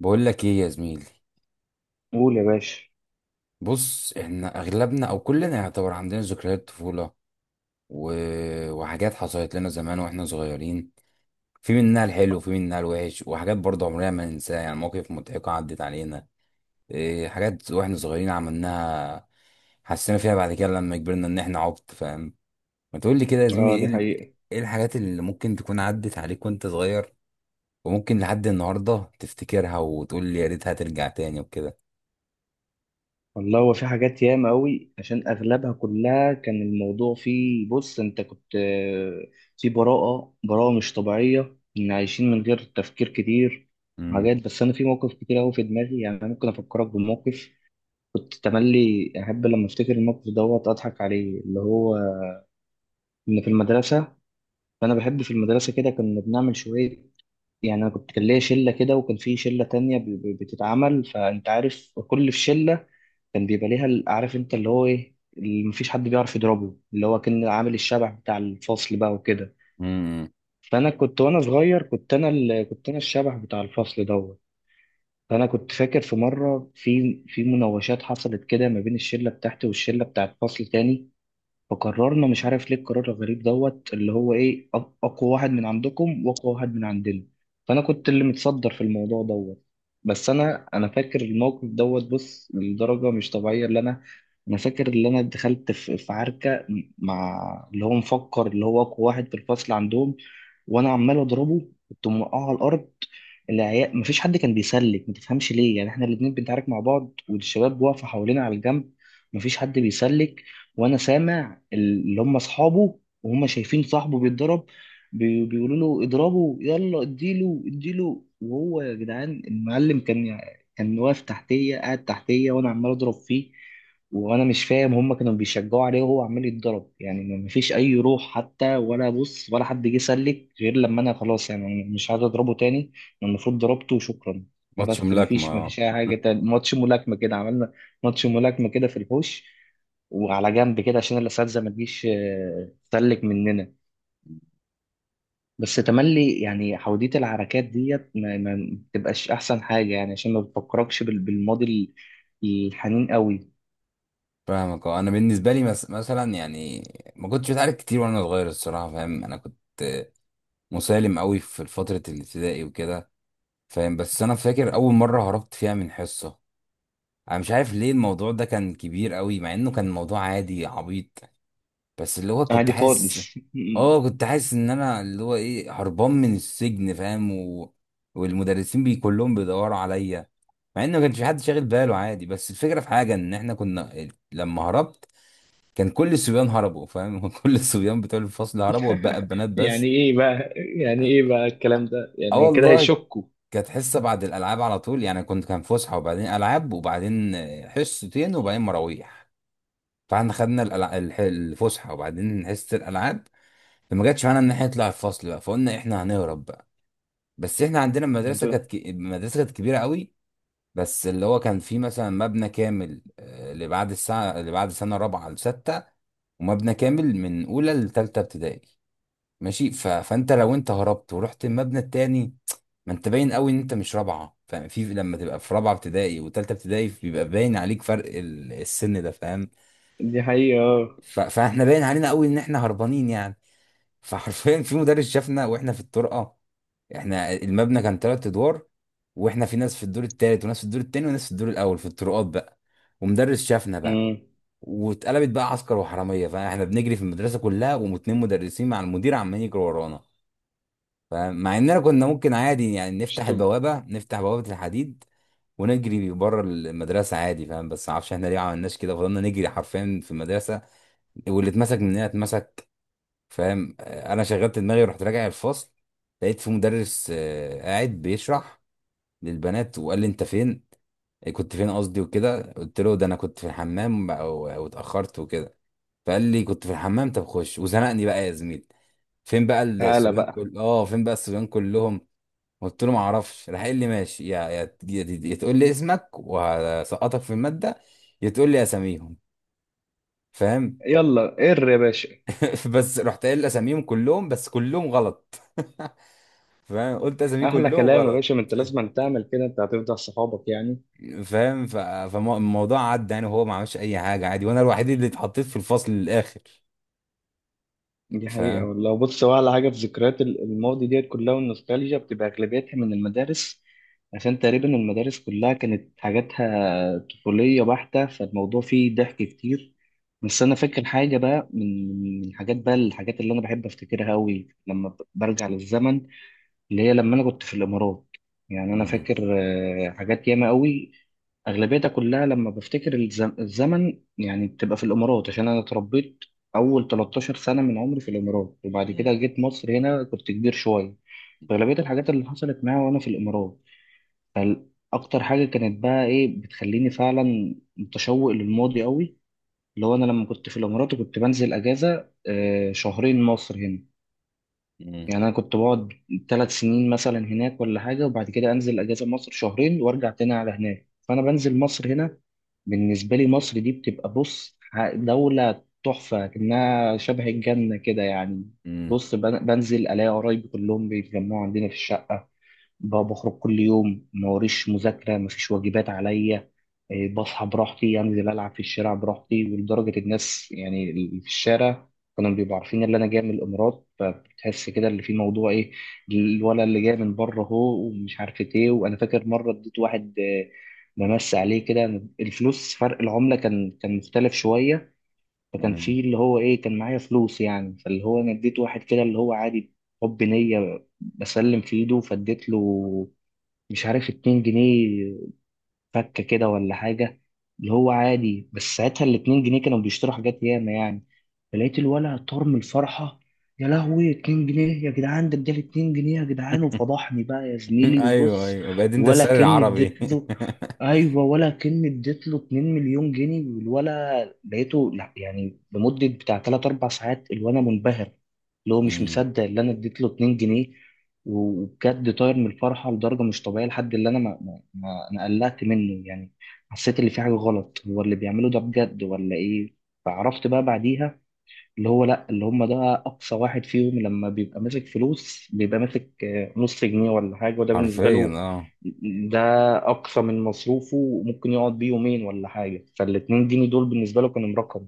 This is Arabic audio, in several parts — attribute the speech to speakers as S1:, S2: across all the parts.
S1: بقول لك ايه يا زميلي.
S2: قول يا باشا.
S1: بص، احنا اغلبنا او كلنا يعتبر عندنا ذكريات طفولة، و... وحاجات حصلت لنا زمان واحنا صغيرين، في منها الحلو وفي منها الوحش، وحاجات برضه عمرنا ما ننساها، يعني مواقف مضحكة عدت علينا. إيه حاجات واحنا صغيرين عملناها، حسينا فيها بعد كده لما كبرنا ان احنا عبط، فاهم. ما تقول لي كده يا زميلي،
S2: اه،
S1: ايه
S2: دي حقيقة.
S1: ايه الحاجات اللي ممكن تكون عدت عليك وانت صغير، وممكن لحد النهاردة تفتكرها وتقول لي يا ريتها ترجع تاني وكده.
S2: والله هو في حاجات ياما قوي، عشان اغلبها كلها كان الموضوع فيه، بص انت كنت في براءة براءة مش طبيعية، ان عايشين من غير تفكير كتير حاجات. بس انا في موقف كتير قوي في دماغي. يعني انا ممكن افكرك بموقف كنت تملي احب لما افتكر الموقف دوت اضحك عليه، اللي هو ان في المدرسة. فانا بحب في المدرسة، كده كنا بنعمل شوية. يعني انا كنت كان ليا شلة كده، وكان في شلة تانية بتتعمل. فانت عارف، كل في شلة كان بيبقى ليها عارف انت اللي هو ايه، اللي مفيش حد بيعرف يضربه، اللي هو كان عامل الشبح بتاع الفصل بقى وكده.
S1: امم.
S2: فانا كنت وانا صغير كنت انا الشبح بتاع الفصل دوت. فانا كنت فاكر في مره، في مناوشات حصلت كده ما بين الشله بتاعتي والشله بتاعت فصل تاني. فقررنا مش عارف ليه القرار الغريب دوت، اللي هو ايه، اقوى واحد من عندكم واقوى واحد من عندنا. فانا كنت اللي متصدر في الموضوع دوت. بس انا فاكر الموقف دوت، بص لدرجه مش طبيعيه. اللي انا فاكر اللي انا دخلت في عركه مع اللي هو مفكر اللي هو اقوى واحد في الفصل عندهم. وانا عمال اضربه، كنت موقعه على الارض. العيال مفيش حد كان بيسلك، ما تفهمش ليه، يعني احنا الاتنين بنتعارك مع بعض والشباب واقفه حوالينا على الجنب. مفيش حد بيسلك. وانا سامع اللي هم اصحابه وهم شايفين صاحبه بيتضرب، بيقولوا له اضربه، يلا اديله اديله، وهو يا جدعان المعلم. كان واقف تحتيه، قاعد تحتيه، وانا عمال اضرب فيه. وانا مش فاهم هم كانوا بيشجعوا عليه وهو عمال يتضرب، يعني ما فيش اي روح حتى، ولا بص، ولا حد جه سلك، غير لما انا خلاص. يعني أنا مش عايز اضربه تاني، أنا المفروض ضربته وشكرا.
S1: ماتش
S2: فبس ما
S1: ملاكمة،
S2: فيش ما
S1: اه.
S2: فيش اي حاجه تاني. ماتش ملاكمه كده عملنا، ماتش ملاكمه كده في الحوش، وعلى جنب كده عشان الاساتذه ما تجيش تسلك مننا. بس تملي يعني حوديه العركات ديت ما بتبقاش احسن حاجه، يعني عشان ما بتفكركش بالماضي، الحنين قوي.
S1: فاهمك، اه. انا بالنسبة لي مثلا يعني، ما كنتش بتعارك كتير وانا صغير الصراحة، فاهم. انا كنت مسالم قوي في فترة الابتدائي وكده، فاهم. بس انا فاكر اول مرة هربت فيها من حصة، انا مش عارف ليه الموضوع ده كان كبير قوي، مع انه كان موضوع عادي عبيط، بس اللي هو كنت
S2: عادي
S1: حاسس،
S2: خالص.
S1: اه كنت حاسس ان انا اللي هو هربان من السجن، فاهم، والمدرسين بي كلهم بيدوروا عليا. مع ان ما كانش في حد شاغل باله عادي، بس الفكره في حاجه ان احنا كنا لما هربت كان كل الصبيان هربوا، فاهم. كل الصبيان بتوع الفصل هربوا واتبقى البنات
S2: يعني
S1: بس.
S2: ايه بقى، يعني ايه بقى الكلام ده،
S1: اه
S2: يعني كده
S1: والله.
S2: هيشكوا؟
S1: كانت حصه بعد الالعاب على طول، يعني كنت كان فسحه وبعدين العاب وبعدين حصتين وبعدين مراويح. فاحنا خدنا الفسحه وبعدين حصه الالعاب. فما جاتش معانا ان احنا نطلع الفصل بقى، فقلنا احنا هنهرب بقى. بس احنا عندنا المدرسه كانت
S2: ده-
S1: المدرسه كانت كبيره قوي. بس اللي هو كان فيه مثلا مبنى كامل، اللي بعد الساعه، اللي بعد سنه رابعه لسته، ومبنى كامل من اولى لثالثه ابتدائي، ماشي. فانت لو انت هربت ورحت المبنى التاني، ما انت باين قوي ان انت مش رابعه، فاهم. في لما تبقى في رابعه ابتدائي وتالته ابتدائي بيبقى باين عليك فرق السن ده، فاهم.
S2: دي حقيقة، اه.
S1: فاحنا باين علينا قوي ان احنا هربانين يعني. فحرفيا في مدرس شافنا واحنا في الطرقه. احنا المبنى كان تلات ادوار، واحنا في ناس في الدور التالت وناس في الدور التاني وناس في الدور الاول في الطرقات بقى. ومدرس شافنا بقى.
S2: أمم.
S1: واتقلبت بقى عسكر وحراميه، فاحنا بنجري في المدرسه كلها واتنين مدرسين مع المدير عمالين يجروا ورانا. فمع اننا كنا ممكن عادي يعني
S2: مش
S1: نفتح
S2: تب...
S1: البوابه، نفتح بوابه الحديد ونجري بره المدرسه عادي، فاهم، بس ما اعرفش احنا ليه ما عملناش كده، فضلنا نجري حرفيا في المدرسه، واللي اتمسك مننا اتمسك. فاهم. انا شغلت دماغي ورحت راجع الفصل. لقيت في مدرس قاعد بيشرح للبنات، وقال لي انت فين، إيه كنت فين قصدي وكده. قلت له ده انا كنت في الحمام بقى واتاخرت وكده. فقال لي كنت في الحمام؟ طب خش وزنقني بقى يا زميل، فين بقى
S2: تعالى
S1: الصبيان
S2: بقى.
S1: كل اه فين بقى الصبيان كلهم. قلت له ما اعرفش، راح قال لي ماشي، يا تقول لي اسمك وهسقطك في الماده، يا تقول لي اساميهم. فاهم.
S2: يلا قر يا باشا.
S1: بس رحت قايل اساميهم كلهم، بس كلهم غلط. فاهم، قلت اساميه
S2: احلى
S1: كلهم
S2: كلام يا
S1: غلط.
S2: باشا، ما انت لازم تعمل كده، انت هتفضل صحابك يعني.
S1: فاهم. فالموضوع عدى يعني، وهو ما عملش اي حاجه عادي، وانا الوحيد اللي اتحطيت في الفصل للاخر.
S2: دي حقيقة
S1: فاهم.
S2: والله. بص هو على حاجة في ذكريات الماضي ديت كلها، والنوستالجيا بتبقى أغلبيتها من المدارس، عشان تقريبا المدارس كلها كانت حاجاتها طفولية بحتة، فالموضوع فيه ضحك كتير. بس أنا فاكر حاجة بقى، من الحاجات بقى، الحاجات اللي أنا بحب أفتكرها أوي لما برجع للزمن، اللي هي لما انا كنت في الامارات. يعني انا
S1: مم.
S2: فاكر حاجات ياما قوي، اغلبيتها كلها لما بفتكر الزمن، يعني بتبقى في الامارات، عشان انا اتربيت اول 13 سنه من عمري في الامارات. وبعد
S1: مم.
S2: كده جيت مصر هنا، كنت كبير شويه. اغلبيه الحاجات اللي حصلت معايا وانا في الامارات، اكتر حاجه كانت بقى ايه بتخليني فعلا متشوق للماضي قوي، اللي هو انا لما كنت في الامارات وكنت بنزل اجازه شهرين مصر هنا.
S1: مم.
S2: يعني انا كنت بقعد ثلاث سنين مثلا هناك ولا حاجه، وبعد كده انزل اجازه مصر شهرين وارجع تاني على هناك. فانا بنزل مصر هنا، بالنسبه لي مصر دي بتبقى، بص، دوله تحفه كأنها شبه الجنه كده يعني.
S1: مم.
S2: بص، بنزل الاقي قرايبي كلهم بيتجمعوا عندنا في الشقه. بخرج كل يوم، ما وريش مذاكرة، ما فيش واجبات عليا. بصحى براحتي، أنزل ألعب في الشارع براحتي. ولدرجة الناس يعني اللي في الشارع كانوا بيبقوا عارفين اللي أنا جاي من الإمارات، فبتحس كده اللي في موضوع، إيه، الولد اللي جاي من بره هو ومش عارف إيه. وأنا فاكر مرة اديت واحد ممس عليه كده الفلوس. فرق العملة كان مختلف شوية، فكان
S1: مم.
S2: في اللي هو إيه، كان معايا فلوس يعني، فاللي هو أنا اديت واحد كده، اللي هو عادي، حب نية، بسلم في ايده فاديت له مش عارف 2 جنيه فكه كده ولا حاجه. اللي هو عادي، بس ساعتها الاتنين جنيه كانوا بيشتروا حاجات ياما يعني. فلقيت الولع طار من الفرحه: يا لهوي، اتنين جنيه يا جدعان، ده اداني اتنين جنيه يا جدعان، وفضحني بقى يا زميلي،
S1: ايوه
S2: وبص
S1: ايوه بقيت انت
S2: ولا
S1: السر
S2: كأني
S1: العربي.
S2: اديت له. ايوه، ولا كأني اديت له 2 مليون جنيه. والولا لقيته، لا يعني، لمده بتاع 3 4 ساعات الولا منبهر، اللي هو مش
S1: مم.
S2: مصدق اللي انا اديت له 2 جنيه، وبجد طاير من الفرحه لدرجه مش طبيعيه، لحد اللي انا انا قلقت منه يعني، حسيت اللي في حاجه غلط، هو اللي بيعمله ده بجد ولا ايه؟ فعرفت بقى بعديها اللي هو لا، اللي هم ده اقصى واحد فيهم لما بيبقى ماسك فلوس بيبقى ماسك نص جنيه ولا حاجه، وده بالنسبه
S1: حرفيا
S2: له
S1: اه.
S2: ده اقصى من مصروفه، وممكن يقعد بيه يومين ولا حاجه، فالاتنين جنيه دول بالنسبه له كانوا مرقم.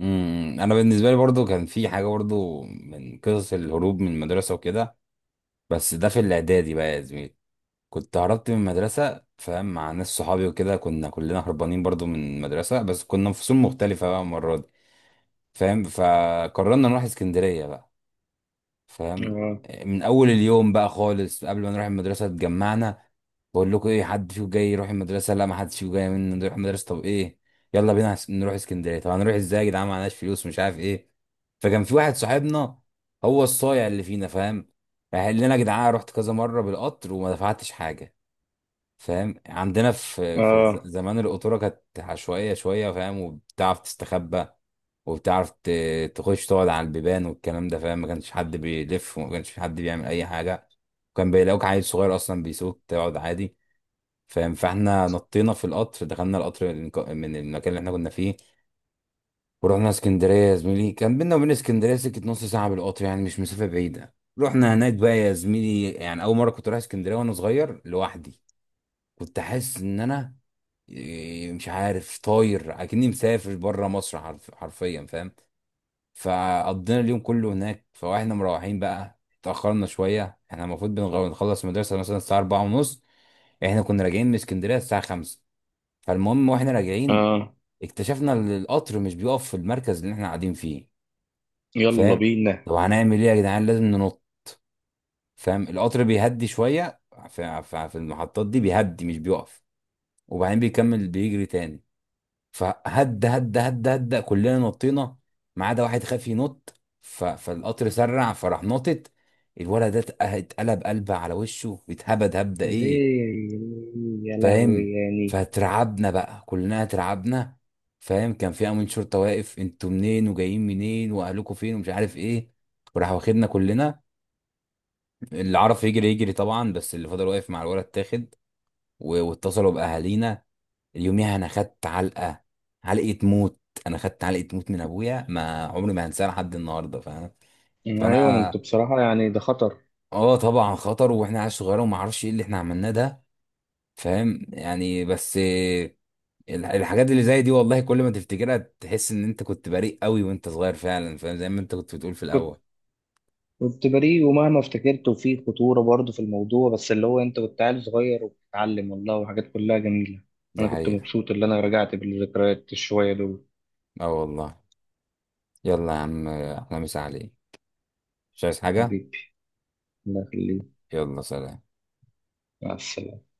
S1: انا بالنسبه لي برضو كان في حاجه برضو من قصص الهروب من المدرسه وكده، بس ده في الاعدادي بقى يا زميلي. كنت هربت من المدرسه، فاهم، مع ناس صحابي وكده. كنا كلنا هربانين برضو من المدرسه بس كنا في فصول مختلفه بقى المره دي، فاهم. فقررنا نروح اسكندريه بقى، فاهم.
S2: اه،
S1: من اول اليوم بقى خالص قبل ما نروح المدرسه اتجمعنا. بقول لكم ايه، حد فيكم جاي يروح المدرسه؟ لا، ما حدش فيكم جاي من نروح المدرسه. طب ايه، يلا بينا نروح اسكندريه. طب هنروح ازاي يا جدعان، معناش فلوس، مش عارف ايه. فكان في واحد صاحبنا هو الصايع اللي فينا، فاهم. راح قال لنا يا جدعان رحت كذا مره بالقطر وما دفعتش حاجه، فاهم. عندنا في
S2: اه،
S1: زمان القطوره كانت عشوائيه شويه، فاهم، وبتعرف تستخبى وبتعرف تخش تقعد على البيبان والكلام ده، فاهم. ما كانش حد بيلف وما كانش حد بيعمل اي حاجه، وكان بيلاقوك عيل صغير اصلا بيسوق تقعد عادي، فاهم. فاحنا نطينا في القطر، دخلنا القطر من من المكان اللي احنا كنا فيه، ورحنا اسكندريه يا زميلي. كان بينا وبين اسكندريه سكه نص ساعه بالقطر يعني، مش مسافه بعيده. رحنا هناك بقى يا زميلي، يعني اول مره كنت رايح اسكندريه وانا صغير لوحدي. كنت حاسس ان انا مش عارف، طاير اكني مسافر بره مصر، حرفيا، فاهم. فقضينا اليوم كله هناك. فاحنا مروحين بقى اتاخرنا شويه، احنا المفروض بنخلص المدرسه مثلا الساعه 4 ونص، احنا كنا راجعين من اسكندريه الساعه 5. فالمهم واحنا راجعين
S2: اه.
S1: اكتشفنا ان القطر مش بيقف في المركز اللي احنا قاعدين فيه،
S2: يلا
S1: فاهم.
S2: بينا.
S1: طب هنعمل ايه يا جدعان، لازم ننط، فاهم. القطر بيهدي شويه في في المحطات دي، بيهدي مش بيقف، وبعدين بيكمل بيجري تاني. فهد هد هد هد كلنا نطينا ما عدا واحد خاف ينط. فالقطر سرع فراح نطت، الولد ده اتقلب قلبه على وشه، اتهبد هبده ايه.
S2: ليه؟ يا لهوي
S1: فاهم.
S2: يعني.
S1: فترعبنا بقى كلنا اترعبنا، فاهم. كان في امين شرطه واقف، انتوا منين وجايين منين واهلكم فين ومش عارف ايه، وراح واخدنا كلنا. اللي عرف يجري يجري طبعا، بس اللي فضل واقف مع الولد تاخد واتصلوا باهالينا. اليوميها انا خدت علقه، علقه موت، انا خدت علقه موت من ابويا ما عمري ما هنساها لحد النهارده، فاهم.
S2: آه، ايوه، ما انتوا
S1: فانا
S2: بصراحه يعني ده خطر.
S1: اه طبعا خطر واحنا عيال صغيره وما اعرفش ايه اللي احنا عملناه ده، فاهم يعني. بس الحاجات اللي زي دي والله كل ما تفتكرها تحس ان انت كنت بريء قوي وانت صغير فعلا، فاهم، زي ما انت كنت بتقول في الاول.
S2: كنت بريء ومهما افتكرت، وفي خطورة برضه في الموضوع، بس اللي هو انت كنت عيل صغير وبتتعلم والله، وحاجات كلها جميلة.
S1: دي
S2: انا كنت
S1: حقيقه.
S2: مبسوط اللي انا رجعت بالذكريات الشوية دول.
S1: اه والله. يلا يا عم احنا مسا عليك، مش عايز حاجه.
S2: حبيبي، الله يخليك.
S1: يلا سلام.
S2: مع السلامة.